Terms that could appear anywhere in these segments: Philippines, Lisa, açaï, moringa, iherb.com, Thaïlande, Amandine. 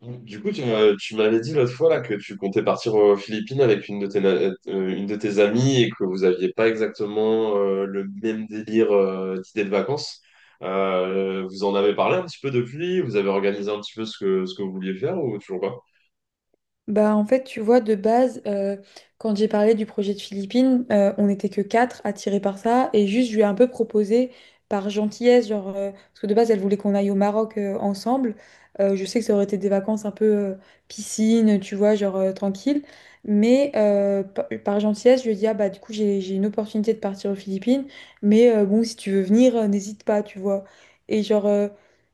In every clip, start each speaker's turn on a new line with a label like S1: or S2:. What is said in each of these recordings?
S1: Du coup, tu m'avais dit l'autre fois là, que tu comptais partir aux Philippines avec une de tes amies et que vous aviez pas exactement le même délire d'idée de vacances. Vous en avez parlé un petit peu depuis? Vous avez organisé un petit peu ce que vous vouliez faire ou toujours pas?
S2: Bah, en fait, tu vois, de base, quand j'ai parlé du projet de Philippines, on n'était que quatre attirés par ça. Et juste, je lui ai un peu proposé par gentillesse, genre, parce que de base, elle voulait qu'on aille au Maroc ensemble. Je sais que ça aurait été des vacances un peu piscine, tu vois, genre tranquille. Mais par gentillesse, je lui ai dit, ah bah, du coup, j'ai une opportunité de partir aux Philippines. Mais bon, si tu veux venir, n'hésite pas, tu vois. Et genre,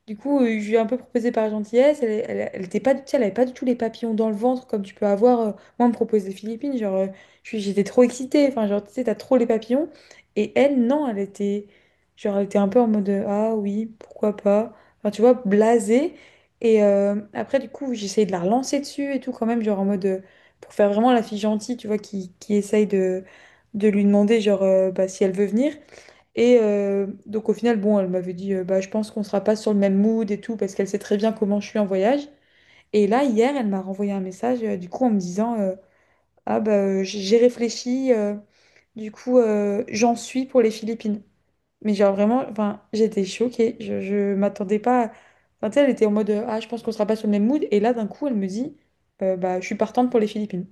S2: du coup, je lui ai un peu proposé par gentillesse. Elle était pas, tu sais, elle avait pas du tout les papillons dans le ventre comme tu peux avoir. Moi, on me propose des Philippines. Genre, j'étais trop excitée. Enfin, genre, tu sais, t'as trop les papillons. Et elle, non, elle était, genre, elle était un peu en mode ah oui, pourquoi pas. Enfin, tu vois, blasée. Et après, du coup, j'ai essayé de la relancer dessus et tout quand même, genre en mode pour faire vraiment la fille gentille, tu vois, qui essaye de lui demander genre bah, si elle veut venir. Et donc au final, bon, elle m'avait dit, bah, je pense qu'on sera pas sur le même mood et tout, parce qu'elle sait très bien comment je suis en voyage. Et là, hier, elle m'a renvoyé un message, du coup, en me disant, ah bah, j'ai réfléchi, du coup, j'en suis pour les Philippines. Mais genre vraiment, enfin, j'étais choquée, je m'attendais pas. Enfin, tu sais, elle était en mode, ah, je pense qu'on sera pas sur le même mood. Et là, d'un coup, elle me dit, bah, je suis partante pour les Philippines.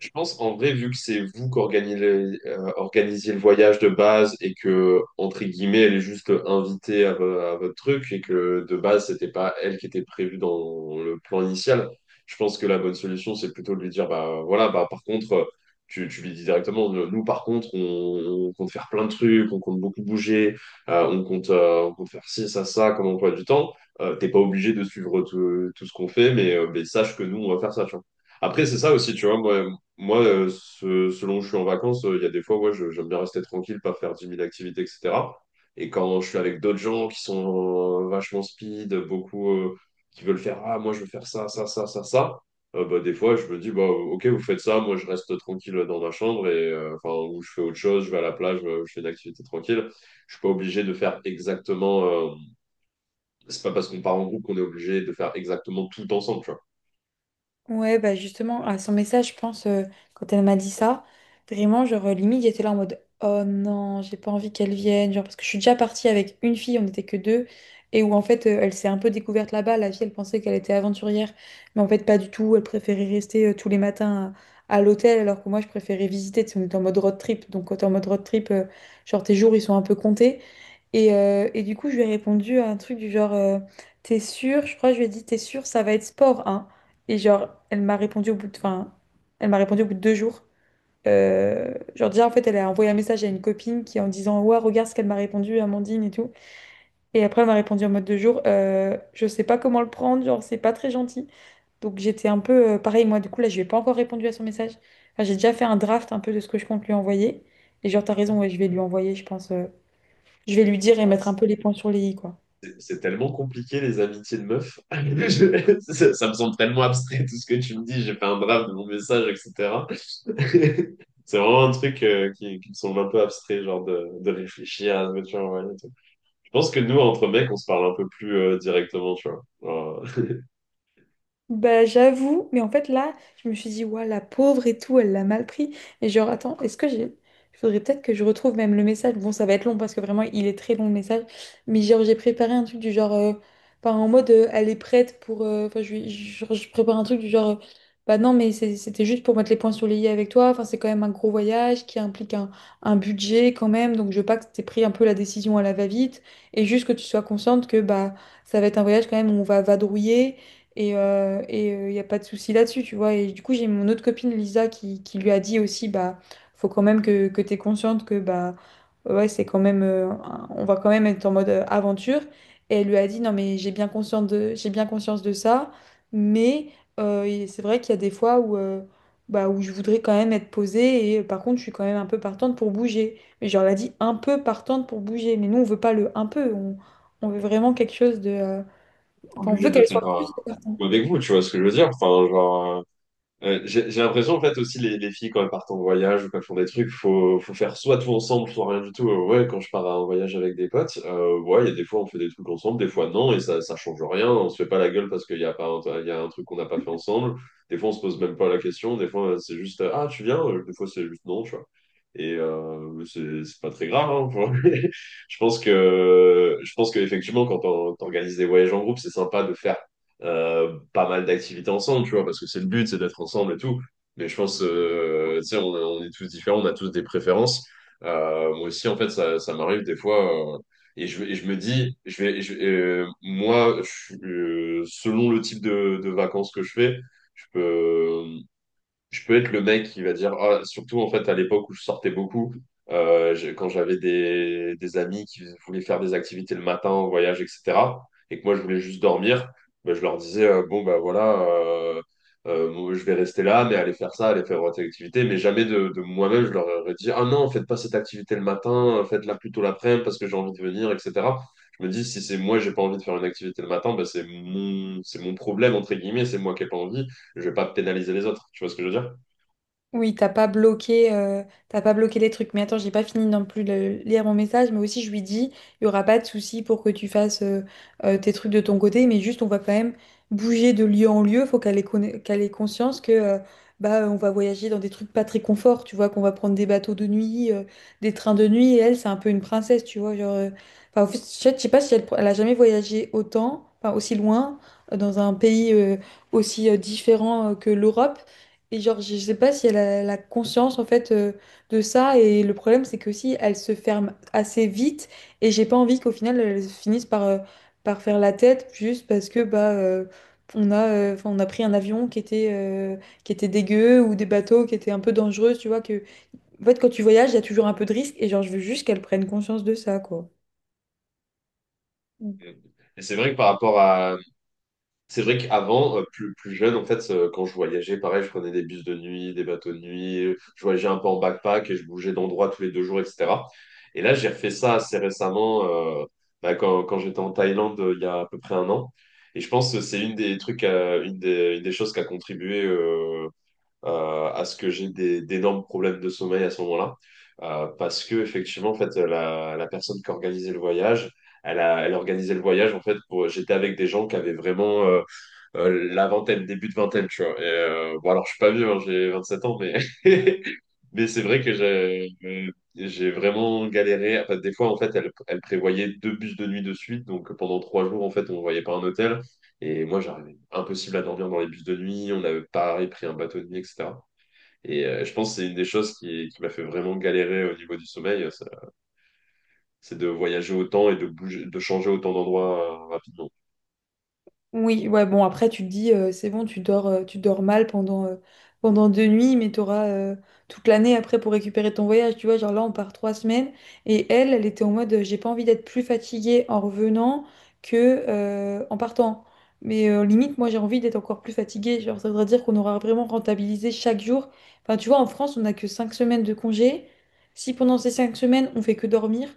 S1: Je pense en vrai, vu que c'est vous qui organisez le voyage de base et que, entre guillemets, elle est juste invitée à, à votre truc et que de base, c'était pas elle qui était prévue dans le plan initial, je pense que la bonne solution, c'est plutôt de lui dire, bah voilà, bah par contre, tu lui dis directement, nous par contre, on compte faire plein de trucs, on compte beaucoup bouger, on compte faire ci, ça, comme emploi du temps. T'es pas obligé de suivre tout ce qu'on fait, mais sache que nous, on va faire ça, tu vois. Après, c'est ça aussi, tu vois, selon où je suis en vacances, il y a des fois, ouais, j'aime bien rester tranquille, pas faire 10 000 activités, etc. Et quand je suis avec d'autres gens qui sont vachement speed, beaucoup qui veulent faire, ah, moi, je veux faire ça, ça, ça, ça, ça, bah, des fois, je me dis, bah, ok, vous faites ça, moi, je reste tranquille dans ma chambre, et, enfin, ou je fais autre chose, je vais à la plage, je fais une activité tranquille. Je suis pas obligé de faire exactement c'est pas parce qu'on part en groupe qu'on est obligé de faire exactement tout ensemble, tu vois.
S2: Ouais, bah justement, à son message, je pense, quand elle m'a dit ça, vraiment, genre, limite, j'étais là en mode, oh non, j'ai pas envie qu'elle vienne, genre, parce que je suis déjà partie avec une fille, on n'était que deux, et où en fait, elle s'est un peu découverte là-bas, la fille, elle pensait qu'elle était aventurière, mais en fait, pas du tout, elle préférait rester tous les matins à l'hôtel, alors que moi, je préférais visiter, tu sais, on était en mode road trip, donc quand t'es en mode road trip, genre, tes jours, ils sont un peu comptés, et du coup, je lui ai répondu à un truc du genre, t'es sûre, je crois, que je lui ai dit, t'es sûre, ça va être sport, hein. Et genre, elle m'a répondu au bout de, enfin, elle m'a répondu au bout de 2 jours. Genre déjà, en fait, elle a envoyé un message à une copine qui en disant, ouais, regarde ce qu'elle m'a répondu, Amandine et tout. Et après, elle m'a répondu en mode 2 jours, je sais pas comment le prendre, genre, c'est pas très gentil. Donc j'étais un peu pareil, moi, du coup, là, je lui ai pas encore répondu à son message. Enfin, j'ai déjà fait un draft un peu de ce que je compte lui envoyer. Et genre, t'as raison, ouais, je vais lui envoyer, je pense, je vais lui dire et
S1: Voilà.
S2: mettre un peu les points sur les i, quoi.
S1: C'est tellement compliqué, les amitiés de meufs. Ça, ça me semble tellement abstrait, tout ce que tu me dis. J'ai fait un draft de mon message, etc. C'est vraiment un truc qui me semble un peu abstrait, genre de réfléchir à ce que tu as envoyé et tout. Je pense que nous, entre mecs, on se parle un peu plus directement, tu vois.
S2: Bah j'avoue, mais en fait là, je me suis dit, ouais, la pauvre et tout, elle l'a mal pris. Et genre, attends, est-ce que j'ai... Il faudrait peut-être que je retrouve même le message. Bon, ça va être long parce que vraiment, il est très long le message. Mais genre, j'ai préparé un truc du genre... Enfin, en mode, elle est prête pour... Enfin, je prépare un truc du genre... Bah non, mais c'était juste pour mettre les points sur les i avec toi. Enfin, c'est quand même un gros voyage qui implique un budget quand même. Donc, je veux pas que t'aies pris un peu la décision à la va-vite. Et juste que tu sois consciente que bah ça va être un voyage quand même où on va vadrouiller. Et y a pas de souci là-dessus, tu vois. Et du coup, j'ai mon autre copine Lisa qui lui a dit aussi, bah, faut quand même que tu consciente que, bah, ouais, c'est quand même, on va quand même être en mode aventure. Et elle lui a dit, non, mais j'ai bien conscience de, j'ai bien conscience de ça, mais et c'est vrai qu'il y a des fois où, bah, où je voudrais quand même être posée et par contre, je suis quand même un peu partante pour bouger. Mais genre, elle a dit un peu partante pour bouger. Mais nous, on veut pas le un peu, on veut vraiment quelque chose de. Enfin, on
S1: Obligé
S2: veut
S1: de le
S2: qu'elle
S1: faire
S2: soit cool.
S1: avec vous, tu vois ce que je veux dire? Enfin, genre, ouais, j'ai l'impression, en fait, aussi, les filles, quand elles partent en voyage ou quand elles font des trucs, faut faire soit tout ensemble, soit rien du tout. Ouais, quand je pars en voyage avec des potes, ouais, il y a des fois, on fait des trucs ensemble, des fois, non, et ça change rien. On se fait pas la gueule parce qu'il y a pas, un- il y a un truc qu'on n'a pas fait ensemble. Des fois, on se pose même pas la question. Des fois, c'est juste, ah, tu viens? Des fois, c'est juste non, tu vois. Et c'est pas très grave, hein, je pense qu'effectivement, quand on organise des voyages en groupe, c'est sympa de faire pas mal d'activités ensemble, tu vois, parce que c'est le but, c'est d'être ensemble et tout. Mais je pense, tu sais, on est tous différents, on a tous des préférences. Moi aussi, en fait, ça m'arrive des fois, et je me dis, moi, je suis, selon le type de vacances que je fais, je peux, je peux être le mec qui va dire, ah, surtout en fait à l'époque où je sortais beaucoup, quand j'avais des amis qui voulaient faire des activités le matin en voyage, etc., et que moi je voulais juste dormir, ben, je leur disais, bon ben voilà, moi, je vais rester là, mais allez faire ça, allez faire votre activité, mais jamais de moi-même, je leur aurais dit, ah non, faites pas cette activité le matin, faites-la plutôt l'après-midi parce que j'ai envie de venir, etc. Je me dis, si c'est moi, j'ai pas envie de faire une activité le matin, ben, c'est mon problème, entre guillemets, c'est moi qui ai pas envie. Je vais pas pénaliser les autres. Tu vois ce que je veux dire?
S2: Oui, t'as pas bloqué les trucs. Mais attends, j'ai pas fini non plus de lire mon message, mais aussi je lui dis, il y aura pas de souci pour que tu fasses tes trucs de ton côté, mais juste on va quand même bouger de lieu en lieu. Faut qu'elle ait, conna- qu'elle ait conscience que bah on va voyager dans des trucs pas très confort, tu vois, qu'on va prendre des bateaux de nuit, des trains de nuit. Et elle, c'est un peu une princesse, tu vois, genre. Enfin, en fait, je sais pas si elle a jamais voyagé autant, enfin aussi loin, dans un pays aussi différent que l'Europe. Et genre, je sais pas si elle a la conscience en fait de ça. Et le problème, c'est que si elle se ferme assez vite, et j'ai pas envie qu'au final elle finisse par, par faire la tête juste parce que bah on a, 'fin, on a pris un avion qui était dégueu ou des bateaux qui étaient un peu dangereux. Tu vois que en fait, quand tu voyages, il y a toujours un peu de risque. Et genre, je veux juste qu'elle prenne conscience de ça, quoi.
S1: Et c'est vrai que par rapport à... C'est vrai qu'avant, plus jeune, en fait, quand je voyageais, pareil, je prenais des bus de nuit, des bateaux de nuit, je voyageais un peu en backpack et je bougeais d'endroit tous les 2 jours, etc. Et là, j'ai refait ça assez récemment, euh, bah, quand j'étais en Thaïlande, il y a à peu près un an. Et je pense que c'est une des trucs, une des choses qui a contribué à ce que j'ai d'énormes problèmes de sommeil à ce moment-là. Parce que effectivement, en fait, la personne qui organisait le voyage, elle organisait le voyage en fait pour. J'étais avec des gens qui avaient vraiment la vingtaine, début de vingtaine, tu vois. Et, bon, alors je suis pas vieux, hein, j'ai 7 ans, mais mais c'est vrai que j'ai vraiment galéré. Enfin, des fois, en fait, elle prévoyait 2 bus de nuit de suite, donc pendant 3 jours, en fait, on ne voyait pas un hôtel. Et moi, j'arrivais impossible à dormir dans les bus de nuit. On avait pareil pris un bateau de nuit, etc. Et je pense que c'est une des choses qui m'a fait vraiment galérer au niveau du sommeil, ça. C'est de voyager autant et de bouger, de changer autant d'endroits rapidement.
S2: Oui, ouais, bon, après, tu te dis, c'est bon, tu dors mal pendant 2 nuits, mais tu auras toute l'année après pour récupérer ton voyage. Tu vois, genre là, on part 3 semaines. Et elle, elle était en mode, j'ai pas envie d'être plus fatiguée en revenant que en partant. Mais limite, moi, j'ai envie d'être encore plus fatiguée. Genre, ça voudrait dire qu'on aura vraiment rentabilisé chaque jour. Enfin, tu vois, en France, on n'a que 5 semaines de congé. Si pendant ces 5 semaines, on fait que dormir,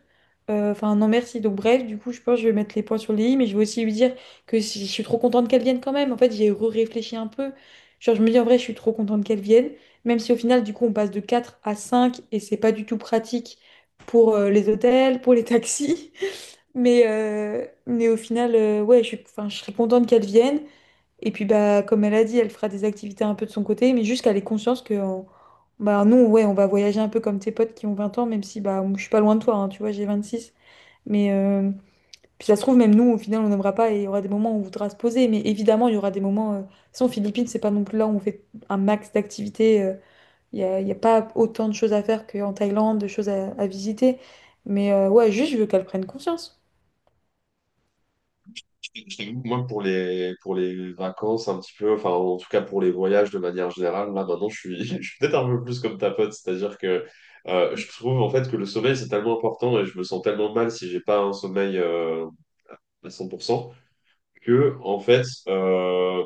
S2: enfin, non, merci. Donc, bref, du coup, je pense que je vais mettre les points sur les i, mais je vais aussi lui dire que si je suis trop contente qu'elle vienne quand même. En fait, j'ai réfléchi un peu. Genre, je me dis en vrai, je suis trop contente qu'elle vienne, même si au final, du coup, on passe de 4 à 5 et c'est pas du tout pratique pour les hôtels, pour les taxis. Mais au final, ouais, je suis, enfin, je serais contente qu'elle vienne. Et puis, bah, comme elle a dit, elle fera des activités un peu de son côté, mais juste qu'elle ait conscience que bah, nous, ouais, on va voyager un peu comme tes potes qui ont 20 ans, même si bah, je suis pas loin de toi, hein, tu vois, j'ai 26. Mais, puis ça se trouve, même nous, au final, on n'aimera pas et il y aura des moments où on voudra se poser. Mais évidemment, il y aura des moments. De toute façon, Philippines, c'est pas non plus là où on fait un max d'activités. Il n'y a, il y a pas autant de choses à faire qu'en Thaïlande, de choses à visiter. Mais ouais, juste, je veux qu'elle prenne conscience.
S1: Je t'avoue, que moi, pour pour les vacances, un petit peu, enfin, en tout cas pour les voyages de manière générale, là, maintenant, je suis, je suis peut-être un peu plus comme ta pote, c'est-à-dire que je trouve, en fait, que le sommeil, c'est tellement important et je me sens tellement mal si j'ai pas un sommeil à 100%, que, en fait,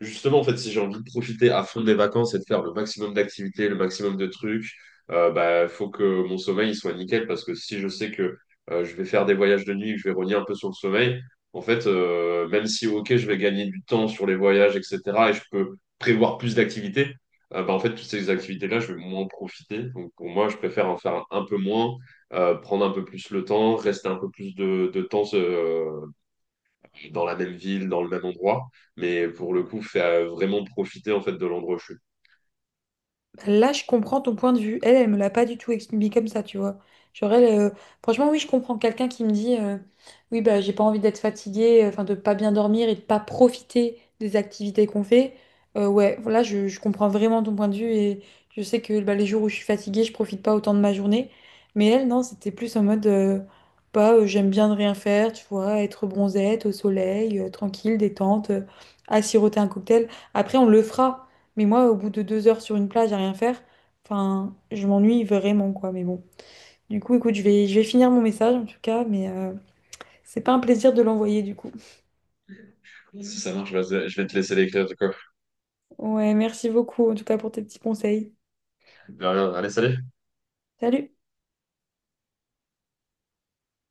S1: justement, en fait, si j'ai envie de profiter à fond de mes vacances et de faire le maximum d'activités, le maximum de trucs, bah, faut que mon sommeil il soit nickel parce que si je sais que je vais faire des voyages de nuit, que je vais rogner un peu sur le sommeil, en fait, même si, ok, je vais gagner du temps sur les voyages, etc., et je peux prévoir plus d'activités, bah, en fait, toutes ces activités-là, je vais moins en profiter. Donc, pour moi, je préfère en faire un peu moins, prendre un peu plus le temps, rester un peu plus de temps, dans la même ville, dans le même endroit, mais pour le coup, faire vraiment profiter en fait de l'endroit où je suis.
S2: Là, je comprends ton point de vue. Elle, elle me l'a pas du tout expliqué comme ça, tu vois. Genre, elle, franchement, oui, je comprends quelqu'un qui me dit, oui, bah, j'ai pas envie d'être fatiguée, enfin, de pas bien dormir et de pas profiter des activités qu'on fait. Ouais, là, je comprends vraiment ton point de vue et je sais que bah, les jours où je suis fatiguée, je profite pas autant de ma journée. Mais elle, non, c'était plus en mode, bah, j'aime bien ne rien faire, tu vois, être bronzette au soleil, tranquille, détente, à siroter un cocktail. Après, on le fera. Mais moi, au bout de 2 heures sur une plage à rien faire, enfin, je m'ennuie vraiment, quoi. Mais bon. Du coup, écoute, je vais finir mon message en tout cas, mais c'est pas un plaisir de l'envoyer du coup.
S1: Si ça marche, vas-y, je vais te laisser l'écrire du coup.
S2: Ouais, merci beaucoup en tout cas pour tes petits conseils.
S1: De rien, allez, salut!
S2: Salut!